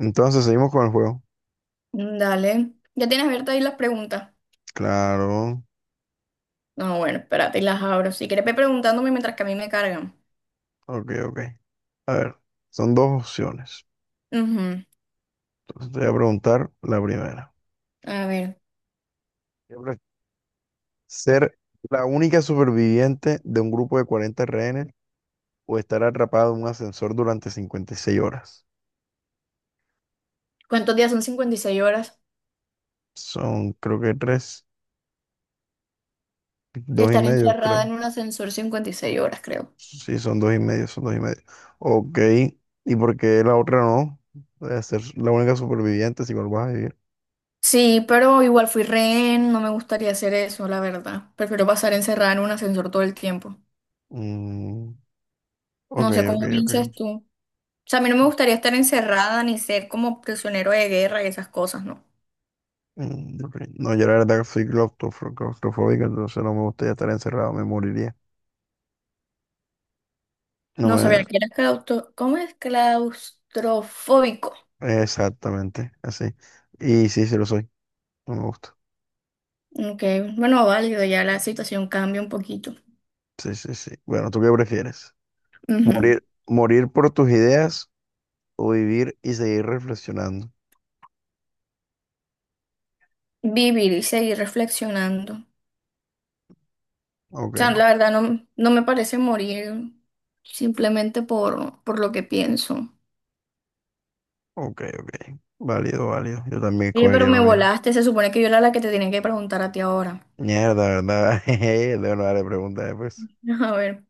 Entonces seguimos con el juego. Dale. ¿Ya tienes abiertas ahí las preguntas? Claro. No, bueno, espérate y las abro. Si quieres, ve preguntándome mientras que a mí me cargan. Ok, ok. A ver, son dos opciones. Ujú. Entonces te voy a preguntar la primera. A ver, ¿Qué pref- ¿Ser la única superviviente de un grupo de 40 rehenes o estar atrapado en un ascensor durante 56 horas? ¿cuántos días son 56 horas? Son, creo que tres, dos y Estar medio, encerrada en creo. un ascensor 56 horas, creo. Sí, son dos y medio, son dos y medio. Ok. ¿Y por qué la otra no? De ser la única superviviente si igual vas a vivir. Sí, pero igual fui rehén, no me gustaría hacer eso, la verdad. Prefiero pasar encerrada en un ascensor todo el tiempo. Mm, ok, No sé ok, cómo ok. piensas tú. O sea, a mí no me gustaría estar encerrada ni ser como prisionero de guerra y esas cosas, ¿no? Mm, ok. No, yo la verdad que soy claustrofóbico, entonces no me gustaría estar encerrado, me moriría. No No sabía me. que eras claustro... ¿Cómo es claustrofóbico? Exactamente, así. Y sí, sí lo soy, no me gusta. Ok, bueno, válido, ya la situación cambia un poquito. Sí, sí, sí. Bueno, ¿tú qué prefieres? Ujú. ¿Morir, morir por tus ideas o vivir y seguir reflexionando? Vivir y seguir reflexionando. O Ok, sea, la verdad no, no me parece morir simplemente por lo que pienso. ok, ok. Válido, válido. Yo también Oye, pero escogería me lo mismo. volaste, se supone que yo era la que te tenía que preguntar a ti ahora. Mierda, ¿verdad? Jeje, debo no darle preguntas después. A ver.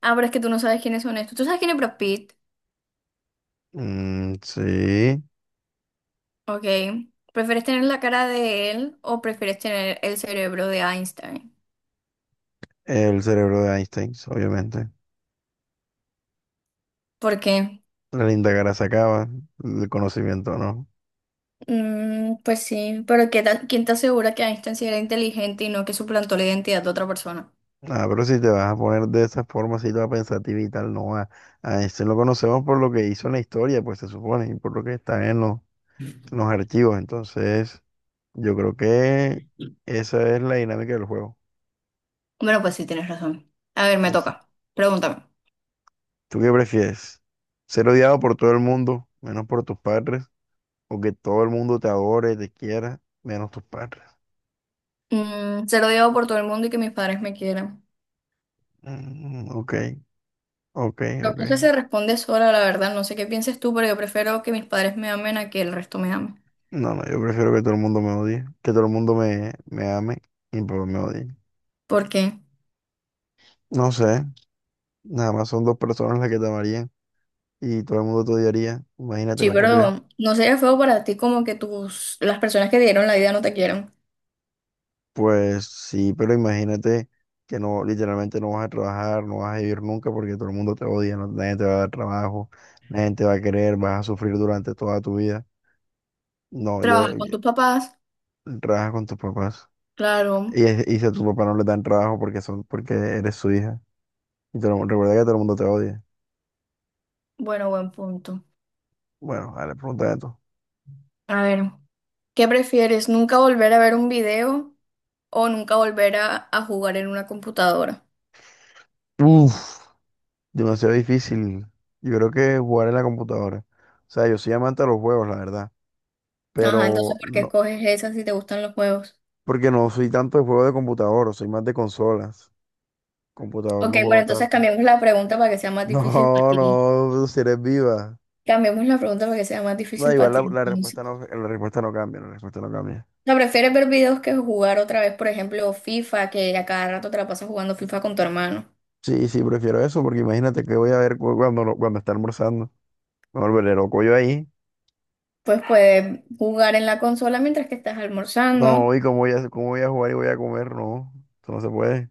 Ah, pero es que tú no sabes quiénes son estos. ¿Tú sabes quién es Brad Pitt? Mm, sí, Ok. ¿Prefieres tener la cara de él o prefieres tener el cerebro de Einstein? el cerebro de Einstein, obviamente. ¿Por qué? La linda cara se acaba, el conocimiento no. Mm, pues sí, pero ¿qué tal- ¿quién te asegura que Einstein sí era inteligente y no que suplantó la identidad de otra persona? Ah, pero si te vas a poner de esa forma, si te vas a pensativa y tal, no va. A este lo conocemos por lo que hizo en la historia, pues se supone, y por lo que está en los archivos. Entonces, yo creo que esa es la dinámica del juego. Bueno, pues sí, tienes razón. A ver, me Es- toca. Pregúntame. ¿Tú qué prefieres? ¿Ser odiado por todo el mundo, menos por tus padres? ¿O que todo el mundo te adore, te quiera, menos tus padres? Mm, ser odiado por todo el mundo y que mis padres me quieran. Mm, ok, ok, La ok. cosa se responde sola, la verdad. No sé qué pienses tú, pero yo prefiero que mis padres me amen a que el resto me ame. No, no, yo prefiero que todo el mundo me odie, que todo el mundo me ame y pues me odie. ¿Por qué? No sé, nada más son dos personas las que te amarían y todo el mundo te odiaría. Imagínate, Sí, no podría. pero no sería feo para ti como que las personas que te dieron la vida no te quieran. Pues sí, pero imagínate que no, literalmente no vas a trabajar, no vas a vivir nunca porque todo el mundo te odia, nadie te va a dar trabajo, nadie te va a querer, vas a sufrir durante toda tu vida. No, yo, Trabajas con yo- tus papás, trabaja con tus papás. claro. Y si a tus papás no le dan trabajo porque eres su hija. Y todo el recuerda que todo el mundo te odia. Bueno, buen punto. Bueno, a la pregunta de A ver. ¿Qué prefieres? ¿Nunca volver a ver un video o nunca volver a jugar en una computadora? Uf, demasiado difícil. Yo creo que jugar en la computadora. O sea, yo soy amante de los juegos, la verdad. Ajá, Pero entonces, ¿por qué no, escoges esa si te gustan los juegos? porque no soy tanto de juegos de computador, soy más de consolas. Computador Ok, no bueno, juego entonces tanto. cambiamos la pregunta para que sea más difícil para No, ti. no, si eres viva. Cambiamos la pregunta para que sea más No, difícil para igual la, ti, la respuesta no, entonces. la respuesta no cambia, la respuesta no cambia. O sea, ¿prefieres ver videos que jugar otra vez, por ejemplo, FIFA, que a cada rato te la pasas jugando FIFA con tu hermano? Sí, sí, prefiero eso, porque imagínate que voy a ver cu- cuando, no- cuando está almorzando. Me volveré loco yo ahí. Pues puedes jugar en la consola mientras que estás No, almorzando. y cómo voy a jugar y voy a comer, no. Eso no se puede.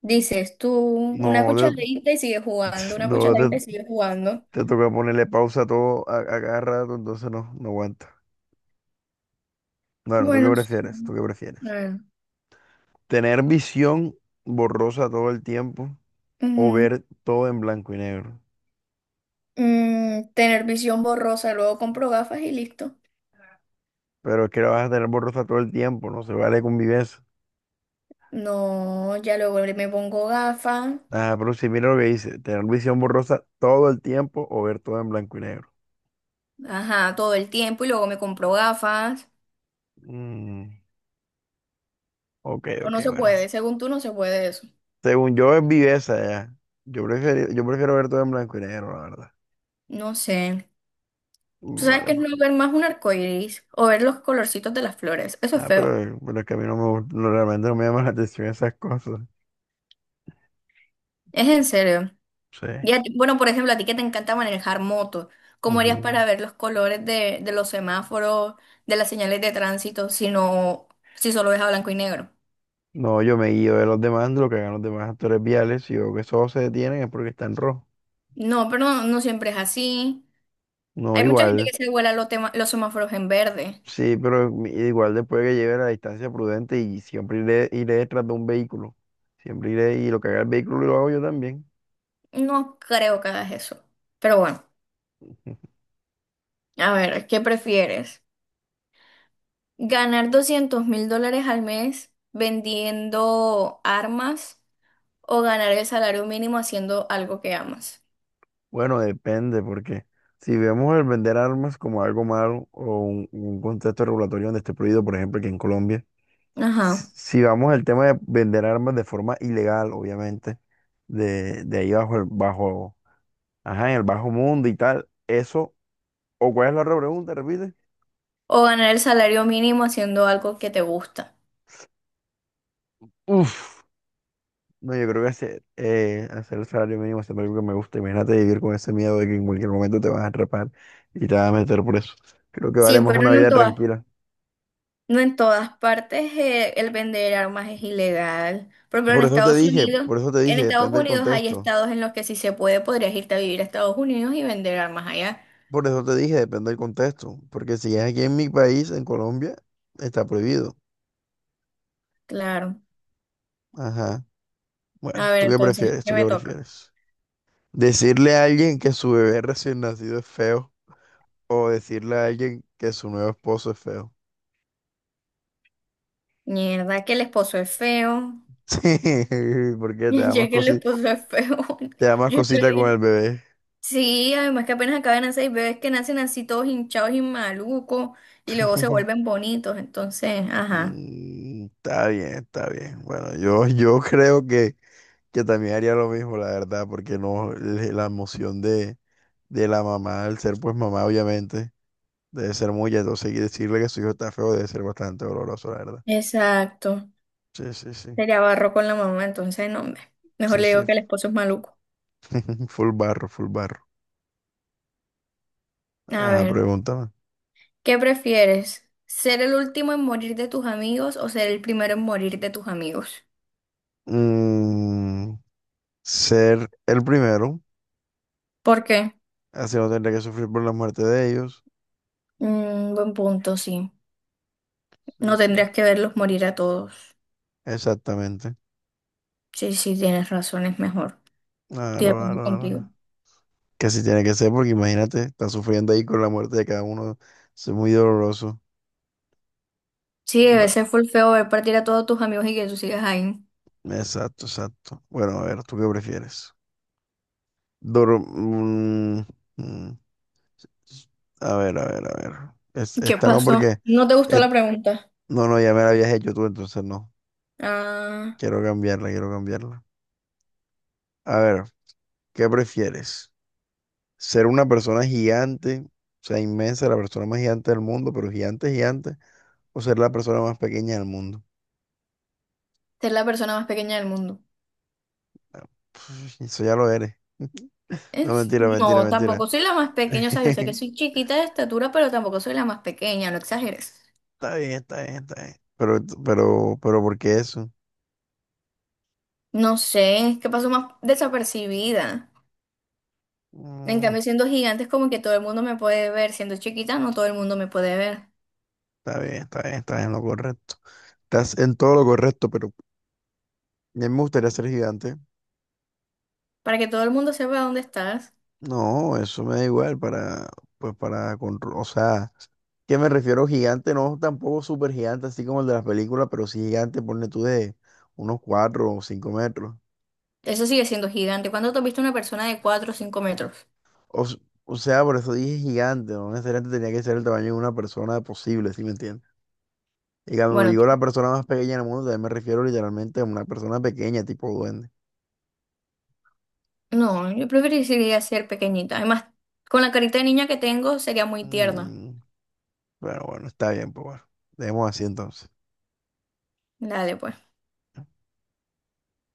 Dices tú una No, cucharadita y sigues jugando, una no, cucharadita y sigues jugando. te toca ponerle pausa a todo a cada rato, entonces no, no aguanta. Bueno, ¿tú qué Bueno, sí. prefieres? ¿Tú qué prefieres? Claro. ¿Tener visión borrosa todo el tiempo o Ujú. ver todo en blanco y negro? Mm, tener visión borrosa, luego compro gafas y listo. Pero es que la vas a tener borrosa todo el tiempo, no se vale convivencia. No, ya luego me pongo gafas, Ah, pero si mira lo que dice, tener visión borrosa todo el tiempo o ver todo en blanco y negro. ajá, todo el tiempo y luego me compro gafas. Mm, ok, O ok, no se bueno. puede, según tú no se puede eso. Según yo es viveza ya. Yo prefiero ver todo en blanco y negro, la verdad. No sé. ¿Tú Mm, sabes vale, que es no pues. ver más un arco iris o ver los colorcitos de las flores? Eso es Ah, feo. pero es que a mí no me, no, realmente no me llaman la atención esas cosas. Es en serio. Sí. Y a ti- bueno, por ejemplo, a ti que te encanta manejar moto, ¿cómo harías Ujú. para ver los colores de, los semáforos, de las señales de tránsito, si no, si solo ves a blanco y negro? No, yo me guío de los demás, de lo que hagan los demás actores viales. Si veo que esos se detienen es porque están rojos. No, pero no, no siempre es así. No, Hay mucha gente igual. que se vuela los, tema- los semáforos en verde. Sí, pero igual después que lleve la distancia prudente y siempre iré, iré detrás de un vehículo. Siempre iré y lo que haga el vehículo lo hago yo también. No creo que hagas eso. Pero bueno, a ver, ¿qué prefieres? ¿Ganar 200.000 dólares al mes vendiendo armas o ganar el salario mínimo haciendo algo que amas? Bueno, depende, porque si vemos el vender armas como algo malo o un contexto regulatorio donde esté prohibido, por ejemplo, aquí en Colombia. Si Ajá. si vamos al tema de vender armas de forma ilegal, obviamente, de ahí bajo el bajo, ajá, en el bajo mundo y tal, eso, o cuál es la otra pregunta, repite. O ganar el salario mínimo haciendo algo que te gusta. Uf, no, yo creo que hacer el salario mínimo es algo que me gusta. Imagínate vivir con ese miedo de que en cualquier momento te vas a atrapar y te vas a meter preso. Creo que vale Sí, más pero una vida tranquila. no en todas partes el vender armas es ilegal. Por ejemplo, Por eso te dije, por eso te en dije, Estados depende del Unidos hay contexto. estados en los que si se puede, podrías irte a vivir a Estados Unidos y vender armas allá. Por eso te dije, depende del contexto. Porque si es aquí en mi país, en Colombia, está prohibido. Claro. Ajá. Bueno, A ver, ¿tú qué entonces, prefieres? ¿qué ¿Tú qué me toca? prefieres? ¿Decirle a alguien que su bebé recién nacido es feo o decirle a alguien que su nuevo esposo es feo? Mierda, que el esposo es feo. Sí, porque te da más Ya que el esposo es feo, te da más yo no cosita le con el diré. bebé. Sí, además que apenas acaban de seis bebés que nacen así todos hinchados y malucos y luego se vuelven bonitos. Entonces, ajá. Mm, está bien, está bien. Bueno, yo creo que también haría lo mismo, la verdad, porque no, la emoción de, la mamá, al ser pues mamá, obviamente, debe ser muy, entonces y decirle que su hijo está feo debe ser bastante doloroso, la verdad. Exacto. Sí, sí, sí. Sería barro con la mamá, entonces no, hombre. Mejor Sí, le digo sí. que el esposo es maluco. Full barro, full barro. A Ajá, ver, pregúntame. ¿qué prefieres? ¿Ser el último en morir de tus amigos o ser el primero en morir de tus amigos? Mm, ser el primero, ¿Por qué? así no tendré que sufrir por la muerte de ellos. Mm, buen punto, sí. Sí, No sí. tendrías que verlos morir a todos. Exactamente. Sí, sí, tienes razón, es mejor. Estoy Claro, de claro, acuerdo contigo. claro. Que así tiene que ser, porque imagínate, está sufriendo ahí con la muerte de cada uno. Eso es muy doloroso. Sí, debe Bueno, ser full feo ver partir a todos tus amigos y que tú sigas ahí. exacto, exacto. Bueno, a ver, ¿tú qué prefieres? Dor- mm, mm. A ver, a ver, a ver. Es- ¿Qué esta no pasó? porque. ¿No te gustó eh, la pregunta? no, no, ya me la habías hecho tú, entonces no. Ah, Quiero cambiarla, quiero cambiarla. A ver, ¿qué prefieres? ¿Ser una persona gigante, o sea, inmensa, la persona más gigante del mundo, pero gigante, gigante, o ser la persona más pequeña del mundo? ser la persona más pequeña del mundo. Eso ya lo eres. No, Es- mentira, mentira, no, mentira. tampoco soy la más pequeña, o sea, yo sé que soy chiquita de estatura, pero tampoco soy la más pequeña, no exageres. Está bien, está bien, está bien. Pero, ¿por qué eso? No sé, es que paso más desapercibida. En Mm, cambio, siendo gigante es como que todo el mundo me puede ver, siendo chiquita no todo el mundo me puede ver. está bien, está bien, está en lo correcto. Estás en todo lo correcto, pero a mí me gustaría ser gigante. Para que todo el mundo sepa dónde estás, No, eso me da igual para, pues para, control, o sea, que me refiero gigante, no tampoco súper gigante, así como el de las películas, pero sí gigante, ponle tú de unos 4 o 5 metros. eso sigue siendo gigante. ¿Cuándo te has visto una persona de 4 o 5 metros? O, s- o sea, por eso dije gigante, no necesariamente tenía que ser el tamaño de una persona posible, ¿sí me entiendes? Y cuando Bueno, digo la persona más pequeña del mundo, también me refiero literalmente a una persona pequeña, tipo duende. no, yo preferiría ser pequeñita. Además, con la carita de niña que tengo sería muy tierna. Mm, bueno, bueno, está bien, pues bueno, dejemos así entonces. Dale, pues.